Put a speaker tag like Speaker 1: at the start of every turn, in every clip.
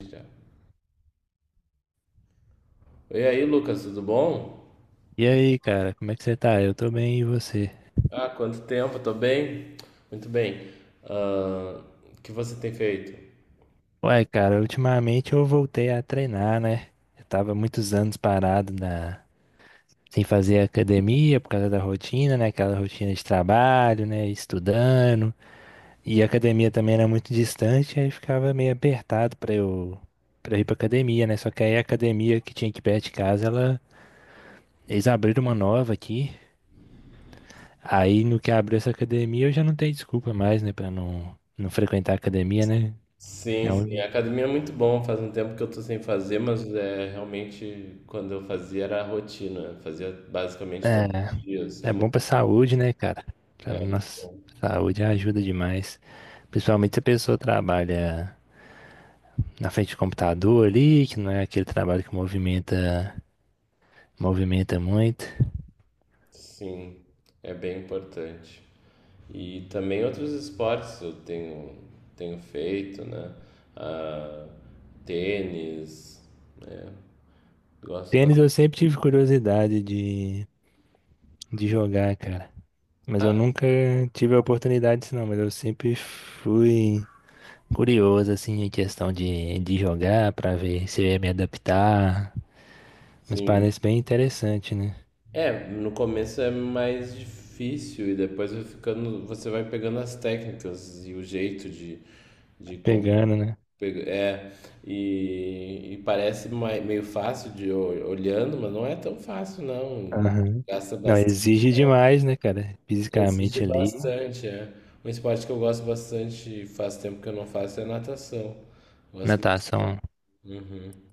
Speaker 1: Já. E aí, Lucas, tudo bom?
Speaker 2: E aí, cara, como é que você tá? Eu tô bem, e você?
Speaker 1: Quanto tempo, tô bem? Muito bem. Ah, o que você tem feito?
Speaker 2: Ué, cara, ultimamente eu voltei a treinar, né? Eu tava muitos anos parado sem fazer academia por causa da rotina, né? Aquela rotina de trabalho, né? Estudando. E a academia também era muito distante, aí ficava meio apertado pra eu ir pra academia, né? Só que aí a academia que tinha aqui perto de casa, eles abriram uma nova aqui. Aí no que abriu essa academia eu já não tenho desculpa mais, né? Pra não frequentar a academia, né?
Speaker 1: Sim,
Speaker 2: É
Speaker 1: sim,
Speaker 2: um-
Speaker 1: a academia é muito bom, faz um tempo que eu tô sem fazer, mas é realmente quando eu fazia era a rotina, fazia basicamente todos os dias.
Speaker 2: É,
Speaker 1: É
Speaker 2: é bom
Speaker 1: muito,
Speaker 2: pra saúde, né, cara? Pra
Speaker 1: é muito
Speaker 2: nossa
Speaker 1: bom.
Speaker 2: saúde ajuda demais. Principalmente se a pessoa trabalha na frente do computador ali, que não é aquele trabalho que movimenta muito.
Speaker 1: Sim, é bem importante. E também outros esportes tenho feito, né? Ah, Tênis, né? Gosto
Speaker 2: Tênis
Speaker 1: bastante.
Speaker 2: eu sempre tive curiosidade de jogar, cara. Mas eu
Speaker 1: Ah,
Speaker 2: nunca tive a oportunidade disso, não. Mas eu sempre fui curioso, assim, em questão de jogar pra ver se eu ia me adaptar. Mas
Speaker 1: sim.
Speaker 2: parece bem interessante, né?
Speaker 1: É, no começo é mais difícil e depois vai ficando, você vai pegando as técnicas e o jeito de como
Speaker 2: Pegando, né?
Speaker 1: é e parece meio fácil de olhando, mas não é tão fácil não.
Speaker 2: Aham.
Speaker 1: Gasta
Speaker 2: Não,
Speaker 1: bastante,
Speaker 2: exige demais, né, cara?
Speaker 1: exige
Speaker 2: Fisicamente ali.
Speaker 1: bastante, é. Um esporte que eu gosto bastante, e faz tempo que eu não faço, é natação. Gosto.
Speaker 2: Natação.
Speaker 1: Uhum.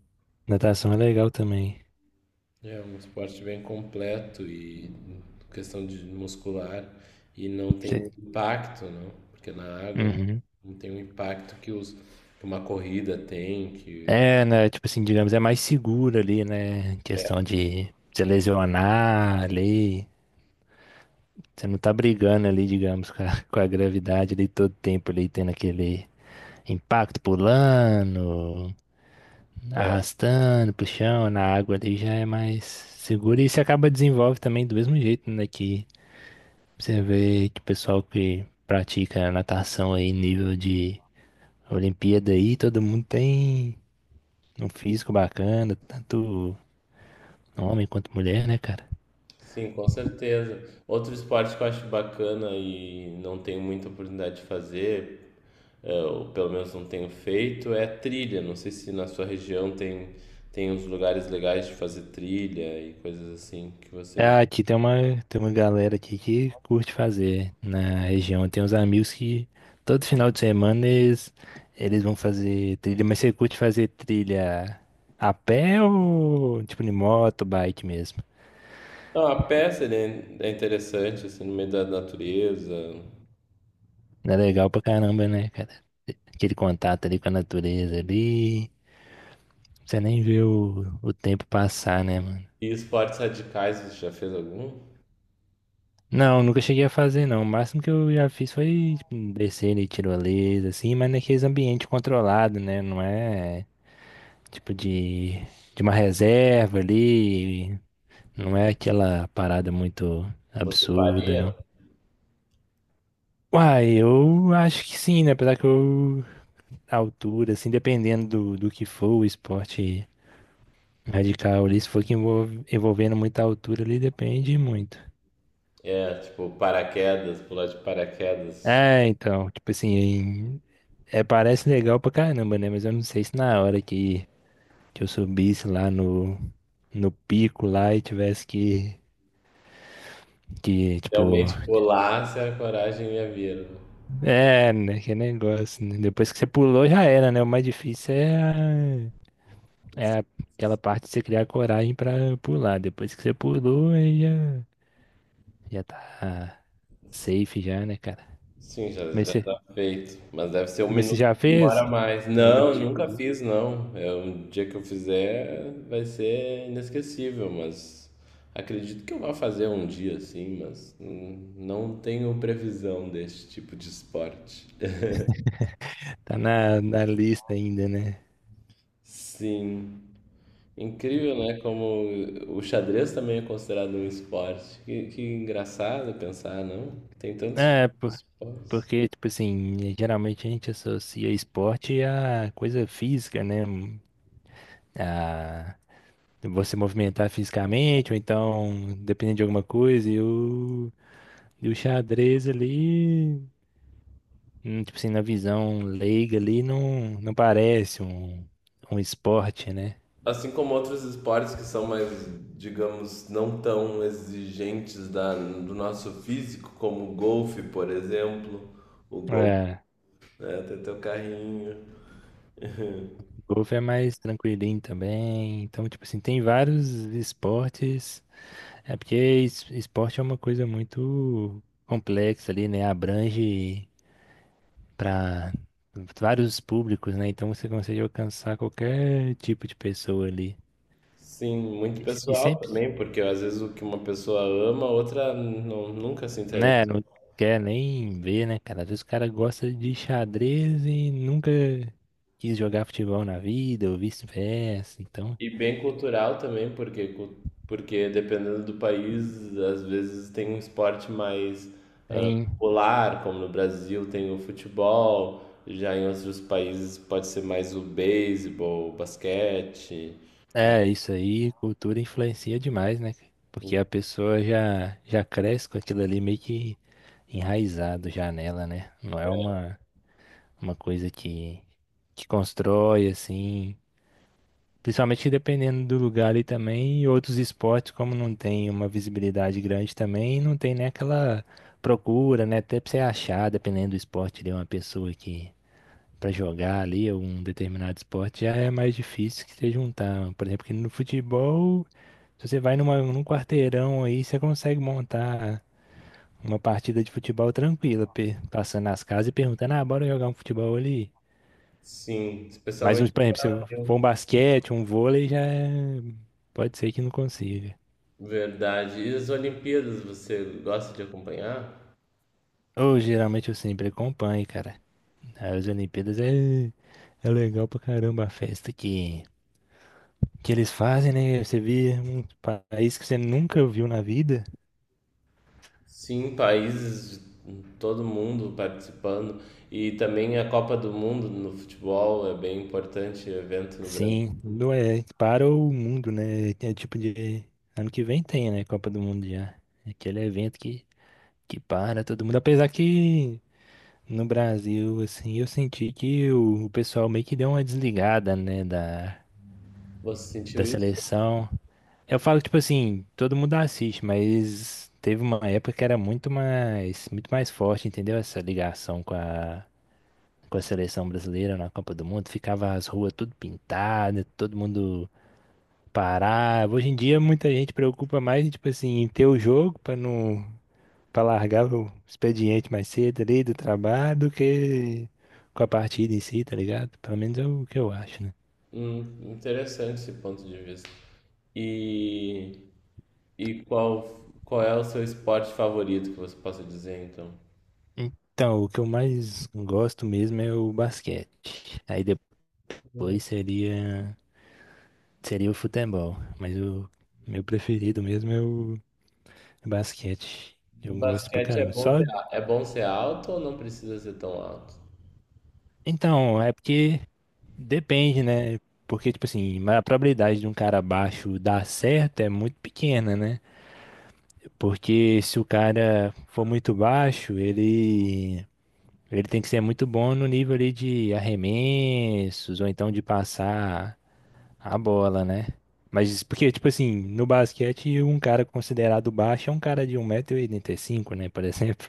Speaker 2: Natação é legal também.
Speaker 1: É um esporte bem completo e questão de muscular e não tem
Speaker 2: Você-
Speaker 1: impacto, não, porque na água
Speaker 2: Uhum.
Speaker 1: não tem o impacto que uma corrida tem, que
Speaker 2: É, né? Tipo assim, digamos, é mais seguro ali, né? Em questão
Speaker 1: é,
Speaker 2: de se lesionar ali. Você não tá brigando ali, digamos, com a, com a gravidade ali todo tempo ali, tendo aquele impacto pulando,
Speaker 1: é,
Speaker 2: arrastando pro chão, na água ali já é mais seguro. E você acaba desenvolve também do mesmo jeito, né? Que Você vê que o pessoal que pratica natação aí, nível de Olimpíada aí, todo mundo tem um físico bacana, tanto homem quanto mulher, né, cara?
Speaker 1: sim, com certeza. Outro esporte que eu acho bacana e não tenho muita oportunidade de fazer, é, ou pelo menos não tenho feito, é trilha. Não sei se na sua região tem uns lugares legais de fazer trilha e coisas assim que você.
Speaker 2: Ah, aqui tem uma galera aqui que curte fazer na região. Tem uns amigos que todo final de semana eles vão fazer trilha, mas você curte fazer trilha a pé ou tipo de moto, bike mesmo?
Speaker 1: Não, a pé seria é interessante, assim, no meio da natureza.
Speaker 2: É legal pra caramba, né, cara? Aquele contato ali com a natureza ali. Você nem vê o tempo passar, né, mano?
Speaker 1: E esportes radicais, você já fez algum?
Speaker 2: Não, nunca cheguei a fazer, não. O máximo que eu já fiz foi tipo, descer de tirolesa, assim, mas naqueles ambientes controlados, né? Não é tipo de uma reserva ali, não é aquela parada muito
Speaker 1: Você
Speaker 2: absurda,
Speaker 1: faria?
Speaker 2: não. Uai, eu acho que sim, né? Apesar que eu, a altura, assim, dependendo do que for o esporte radical ali, se for que envolvendo muita altura ali, depende muito.
Speaker 1: É, tipo, paraquedas, pular de paraquedas.
Speaker 2: É, então, tipo assim, é, parece legal pra caramba, né? Mas eu não sei se na hora que eu subisse lá no pico lá e tivesse que, que,
Speaker 1: Realmente
Speaker 2: tipo,
Speaker 1: pular, se a coragem ia vir, né?
Speaker 2: é, né? Que negócio, né? Depois que você pulou já era, né? O mais difícil é aquela parte de você criar coragem pra pular. Depois que você pulou, aí já tá safe já, né, cara?
Speaker 1: Sim, já,
Speaker 2: Mas
Speaker 1: já
Speaker 2: você,
Speaker 1: tá feito. Mas deve ser um
Speaker 2: mas você
Speaker 1: minuto
Speaker 2: já
Speaker 1: que demora
Speaker 2: fez
Speaker 1: mais.
Speaker 2: algum
Speaker 1: Não,
Speaker 2: tipo
Speaker 1: nunca
Speaker 2: de.
Speaker 1: fiz, não. É um dia que eu fizer vai ser inesquecível, mas acredito que eu vá fazer um dia sim, mas não tenho previsão desse tipo de esporte.
Speaker 2: Tá na lista ainda, né?
Speaker 1: Sim, incrível, né? Como o xadrez também é considerado um esporte. Que engraçado pensar, não? Tem tantos tipos
Speaker 2: É,
Speaker 1: de
Speaker 2: por-
Speaker 1: esportes.
Speaker 2: porque, tipo assim, geralmente a gente associa esporte a coisa física, né? A você movimentar fisicamente, ou então, dependendo de alguma coisa, e o xadrez ali, tipo assim, na visão leiga ali, não parece um esporte, né?
Speaker 1: Assim como outros esportes que são mais, digamos, não tão exigentes do nosso físico, como o golfe, por exemplo. O golfe,
Speaker 2: É,
Speaker 1: né? Tem teu carrinho.
Speaker 2: golfe é mais tranquilinho também. Então, tipo assim, tem vários esportes. É porque esporte é uma coisa muito complexa ali, né? Abrange para vários públicos, né? Então você consegue alcançar qualquer tipo de pessoa ali.
Speaker 1: Sim, muito
Speaker 2: E
Speaker 1: pessoal
Speaker 2: sempre,
Speaker 1: também, porque às vezes o que uma pessoa ama, a outra não, nunca se
Speaker 2: né?
Speaker 1: interessa.
Speaker 2: Não quer nem ver, né, cara? Às vezes o cara gosta de xadrez e nunca quis jogar futebol na vida, ou vice-versa. Então,
Speaker 1: E bem cultural também, porque porque dependendo do país, às vezes tem um esporte mais ah,
Speaker 2: tem.
Speaker 1: popular, como no Brasil tem o futebol, já em outros países pode ser mais o beisebol, o basquete.
Speaker 2: É, isso aí, cultura influencia demais, né? Porque a pessoa já cresce com aquilo ali meio que enraizado já nela, né? Não é uma coisa que constrói, assim. Principalmente dependendo do lugar ali também, e outros esportes, como não tem uma visibilidade grande também, não tem nem aquela procura, né? Até pra você achar, dependendo do esporte, de uma pessoa que pra jogar ali, ou um determinado esporte, já é mais difícil que você juntar. Por exemplo, que no futebol. Se você vai numa, num quarteirão aí, você consegue montar uma partida de futebol tranquila, passando nas casas e perguntando, ah, bora jogar um futebol ali.
Speaker 1: Sim,
Speaker 2: Mas,
Speaker 1: especialmente
Speaker 2: por
Speaker 1: no
Speaker 2: exemplo, se for um
Speaker 1: Brasil.
Speaker 2: basquete, um vôlei, pode ser que não consiga.
Speaker 1: Verdade. E as Olimpíadas, você gosta de acompanhar?
Speaker 2: Ou geralmente eu sempre acompanho, cara. As Olimpíadas é legal pra caramba a festa que eles fazem, né? Você vê um país que você nunca viu na vida.
Speaker 1: Sim, países, todo mundo participando. E também a Copa do Mundo no futebol é bem importante evento no Brasil.
Speaker 2: Sim, é, para o mundo, né? É tipo de. Ano que vem tem, né? Copa do Mundo já. É aquele evento que para todo mundo. Apesar que no Brasil, assim, eu senti que o pessoal meio que deu uma desligada, né? Da,
Speaker 1: Você sentiu
Speaker 2: da
Speaker 1: isso?
Speaker 2: seleção. Eu falo, tipo assim, todo mundo assiste, mas teve uma época que era muito mais forte, entendeu? Essa ligação com a seleção brasileira na Copa do Mundo, ficava as ruas tudo pintadas, todo mundo parar. Hoje em dia muita gente preocupa mais, em, tipo assim, em ter o jogo pra não para largar o expediente mais cedo ali do trabalho do que com a partida em si, tá ligado? Pelo menos é o que eu acho, né?
Speaker 1: Interessante esse ponto de vista. E, e qual, qual é o seu esporte favorito que você possa dizer, então?
Speaker 2: Então, o que eu mais gosto mesmo é o basquete. Aí
Speaker 1: Hum,
Speaker 2: depois seria o futebol, mas o meu preferido mesmo é o basquete.
Speaker 1: o
Speaker 2: Eu gosto pra
Speaker 1: basquete é
Speaker 2: caramba.
Speaker 1: bom
Speaker 2: Só.
Speaker 1: ser, é bom ser alto ou não precisa ser tão alto?
Speaker 2: Então, é porque depende, né? Porque, tipo assim, mas a probabilidade de um cara baixo dar certo é muito pequena, né? Porque se o cara for muito baixo, ele tem que ser muito bom no nível ali de arremessos ou então de passar a bola, né? Mas porque, tipo assim, no basquete, um cara considerado baixo é um cara de 1,85 m, né? Por exemplo.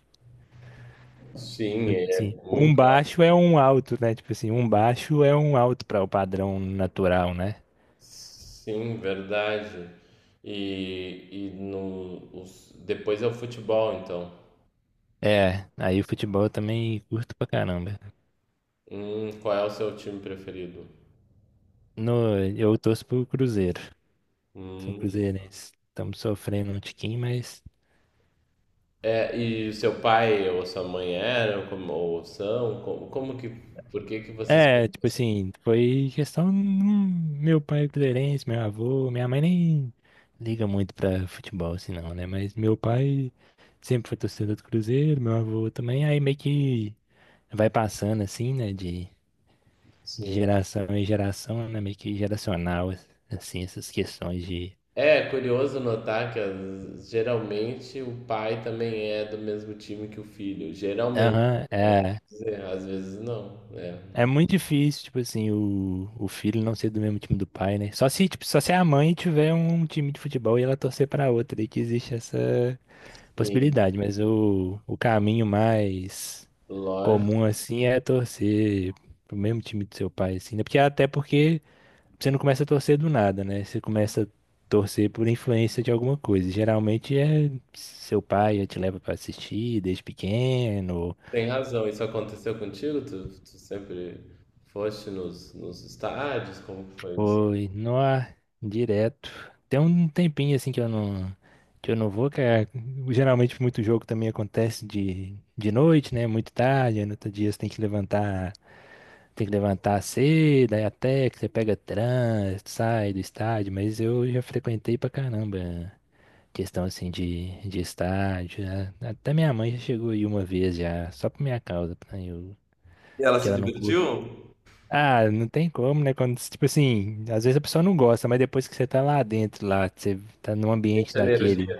Speaker 1: Sim,
Speaker 2: Então, tipo
Speaker 1: é
Speaker 2: assim, um
Speaker 1: muito alto.
Speaker 2: baixo é um alto, né? Tipo assim, um baixo é um alto para o padrão natural, né?
Speaker 1: Sim, verdade. E no, os, depois é o futebol, então.
Speaker 2: É, aí o futebol eu também curto pra caramba.
Speaker 1: Qual é o seu time preferido?
Speaker 2: No, eu torço pro Cruzeiro. Sou
Speaker 1: Hum.
Speaker 2: cruzeirense. Estamos sofrendo um tiquinho, mas.
Speaker 1: É, e seu pai ou sua mãe eram como, ou são? Por que que vocês
Speaker 2: É, tipo
Speaker 1: conhecem
Speaker 2: assim, foi questão. Meu pai é cruzeirense, meu avô, minha mãe nem liga muito pra futebol, assim não, né? Mas meu pai sempre foi torcedor do Cruzeiro, meu avô também, aí meio que vai passando, assim, né? De
Speaker 1: assim?
Speaker 2: geração em geração, né? Meio que geracional, assim, essas questões de.
Speaker 1: É curioso notar que geralmente o pai também é do mesmo time que o filho. Geralmente,
Speaker 2: Aham,
Speaker 1: quer
Speaker 2: é.
Speaker 1: dizer, às vezes não, né?
Speaker 2: É muito difícil, tipo assim, o filho não ser do mesmo time do pai, né? Só se, tipo, só se a mãe tiver um time de futebol e ela torcer pra outra, daí que existe essa
Speaker 1: Sim,
Speaker 2: possibilidade. Mas o caminho mais
Speaker 1: lógico,
Speaker 2: comum, assim, é torcer pro mesmo time do seu pai, assim, né? Porque até porque você não começa a torcer do nada, né? Você começa a torcer por influência de alguma coisa. Geralmente é seu pai já te leva pra assistir desde pequeno.
Speaker 1: tem razão. Isso aconteceu contigo? Tu sempre foste nos estádios? Como que foi isso?
Speaker 2: Foi, nó, direto. Tem um tempinho assim que eu não vou, geralmente muito jogo também acontece de noite, né? Muito tarde, aí no outro dia você tem que levantar cedo, aí até que você pega trânsito, sai do estádio, mas eu já frequentei pra caramba questão assim de estádio, né? Até minha mãe já chegou aí uma vez já, só por minha causa, né?
Speaker 1: E ela
Speaker 2: Porque
Speaker 1: se
Speaker 2: ela não curte.
Speaker 1: divertiu?
Speaker 2: Ah, não tem como, né? Quando, tipo assim, às vezes a pessoa não gosta, mas depois que você tá lá dentro, lá, que você tá num
Speaker 1: Em
Speaker 2: ambiente
Speaker 1: Janeiro,
Speaker 2: daquele,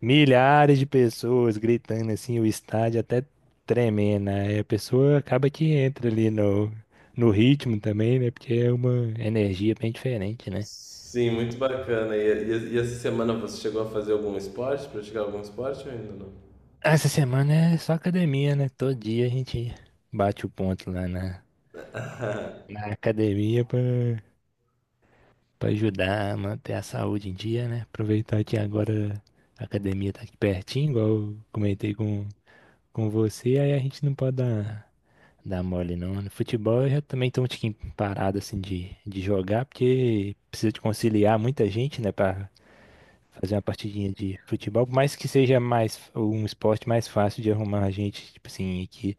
Speaker 2: milhares de pessoas gritando assim, o estádio até tremendo, né? Aí a pessoa acaba que entra ali no ritmo também, né? Porque é uma energia bem diferente, né?
Speaker 1: sim, muito bacana. E essa semana você chegou a fazer algum esporte, praticar algum esporte ou ainda não?
Speaker 2: Essa semana é só academia, né? Todo dia a gente bate o ponto lá na academia pra ajudar a manter a saúde em dia, né? Aproveitar que agora a academia tá aqui pertinho, igual eu comentei com você, aí a gente não pode dar mole não. No futebol eu já também tô um tiquinho parado assim de jogar, porque precisa de conciliar muita gente, né, pra fazer uma partidinha de futebol, por mais que seja mais um esporte mais fácil de arrumar a gente, tipo assim, aqui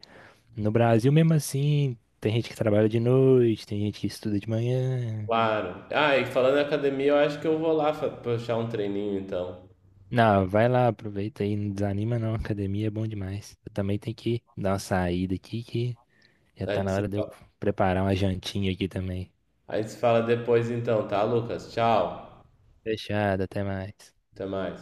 Speaker 2: no Brasil mesmo assim, tem gente que trabalha de noite, tem gente que estuda de manhã.
Speaker 1: Claro. Ah, e falando em academia, eu acho que eu vou lá puxar um treininho então.
Speaker 2: Não, vai lá, aproveita aí, não desanima não, academia é bom demais. Eu também tenho que dar uma saída aqui que já
Speaker 1: A
Speaker 2: tá
Speaker 1: gente
Speaker 2: na
Speaker 1: se
Speaker 2: hora de eu
Speaker 1: fala,
Speaker 2: preparar uma jantinha aqui também.
Speaker 1: a gente se fala depois então, tá, Lucas? Tchau.
Speaker 2: Fechado, até mais.
Speaker 1: Até mais.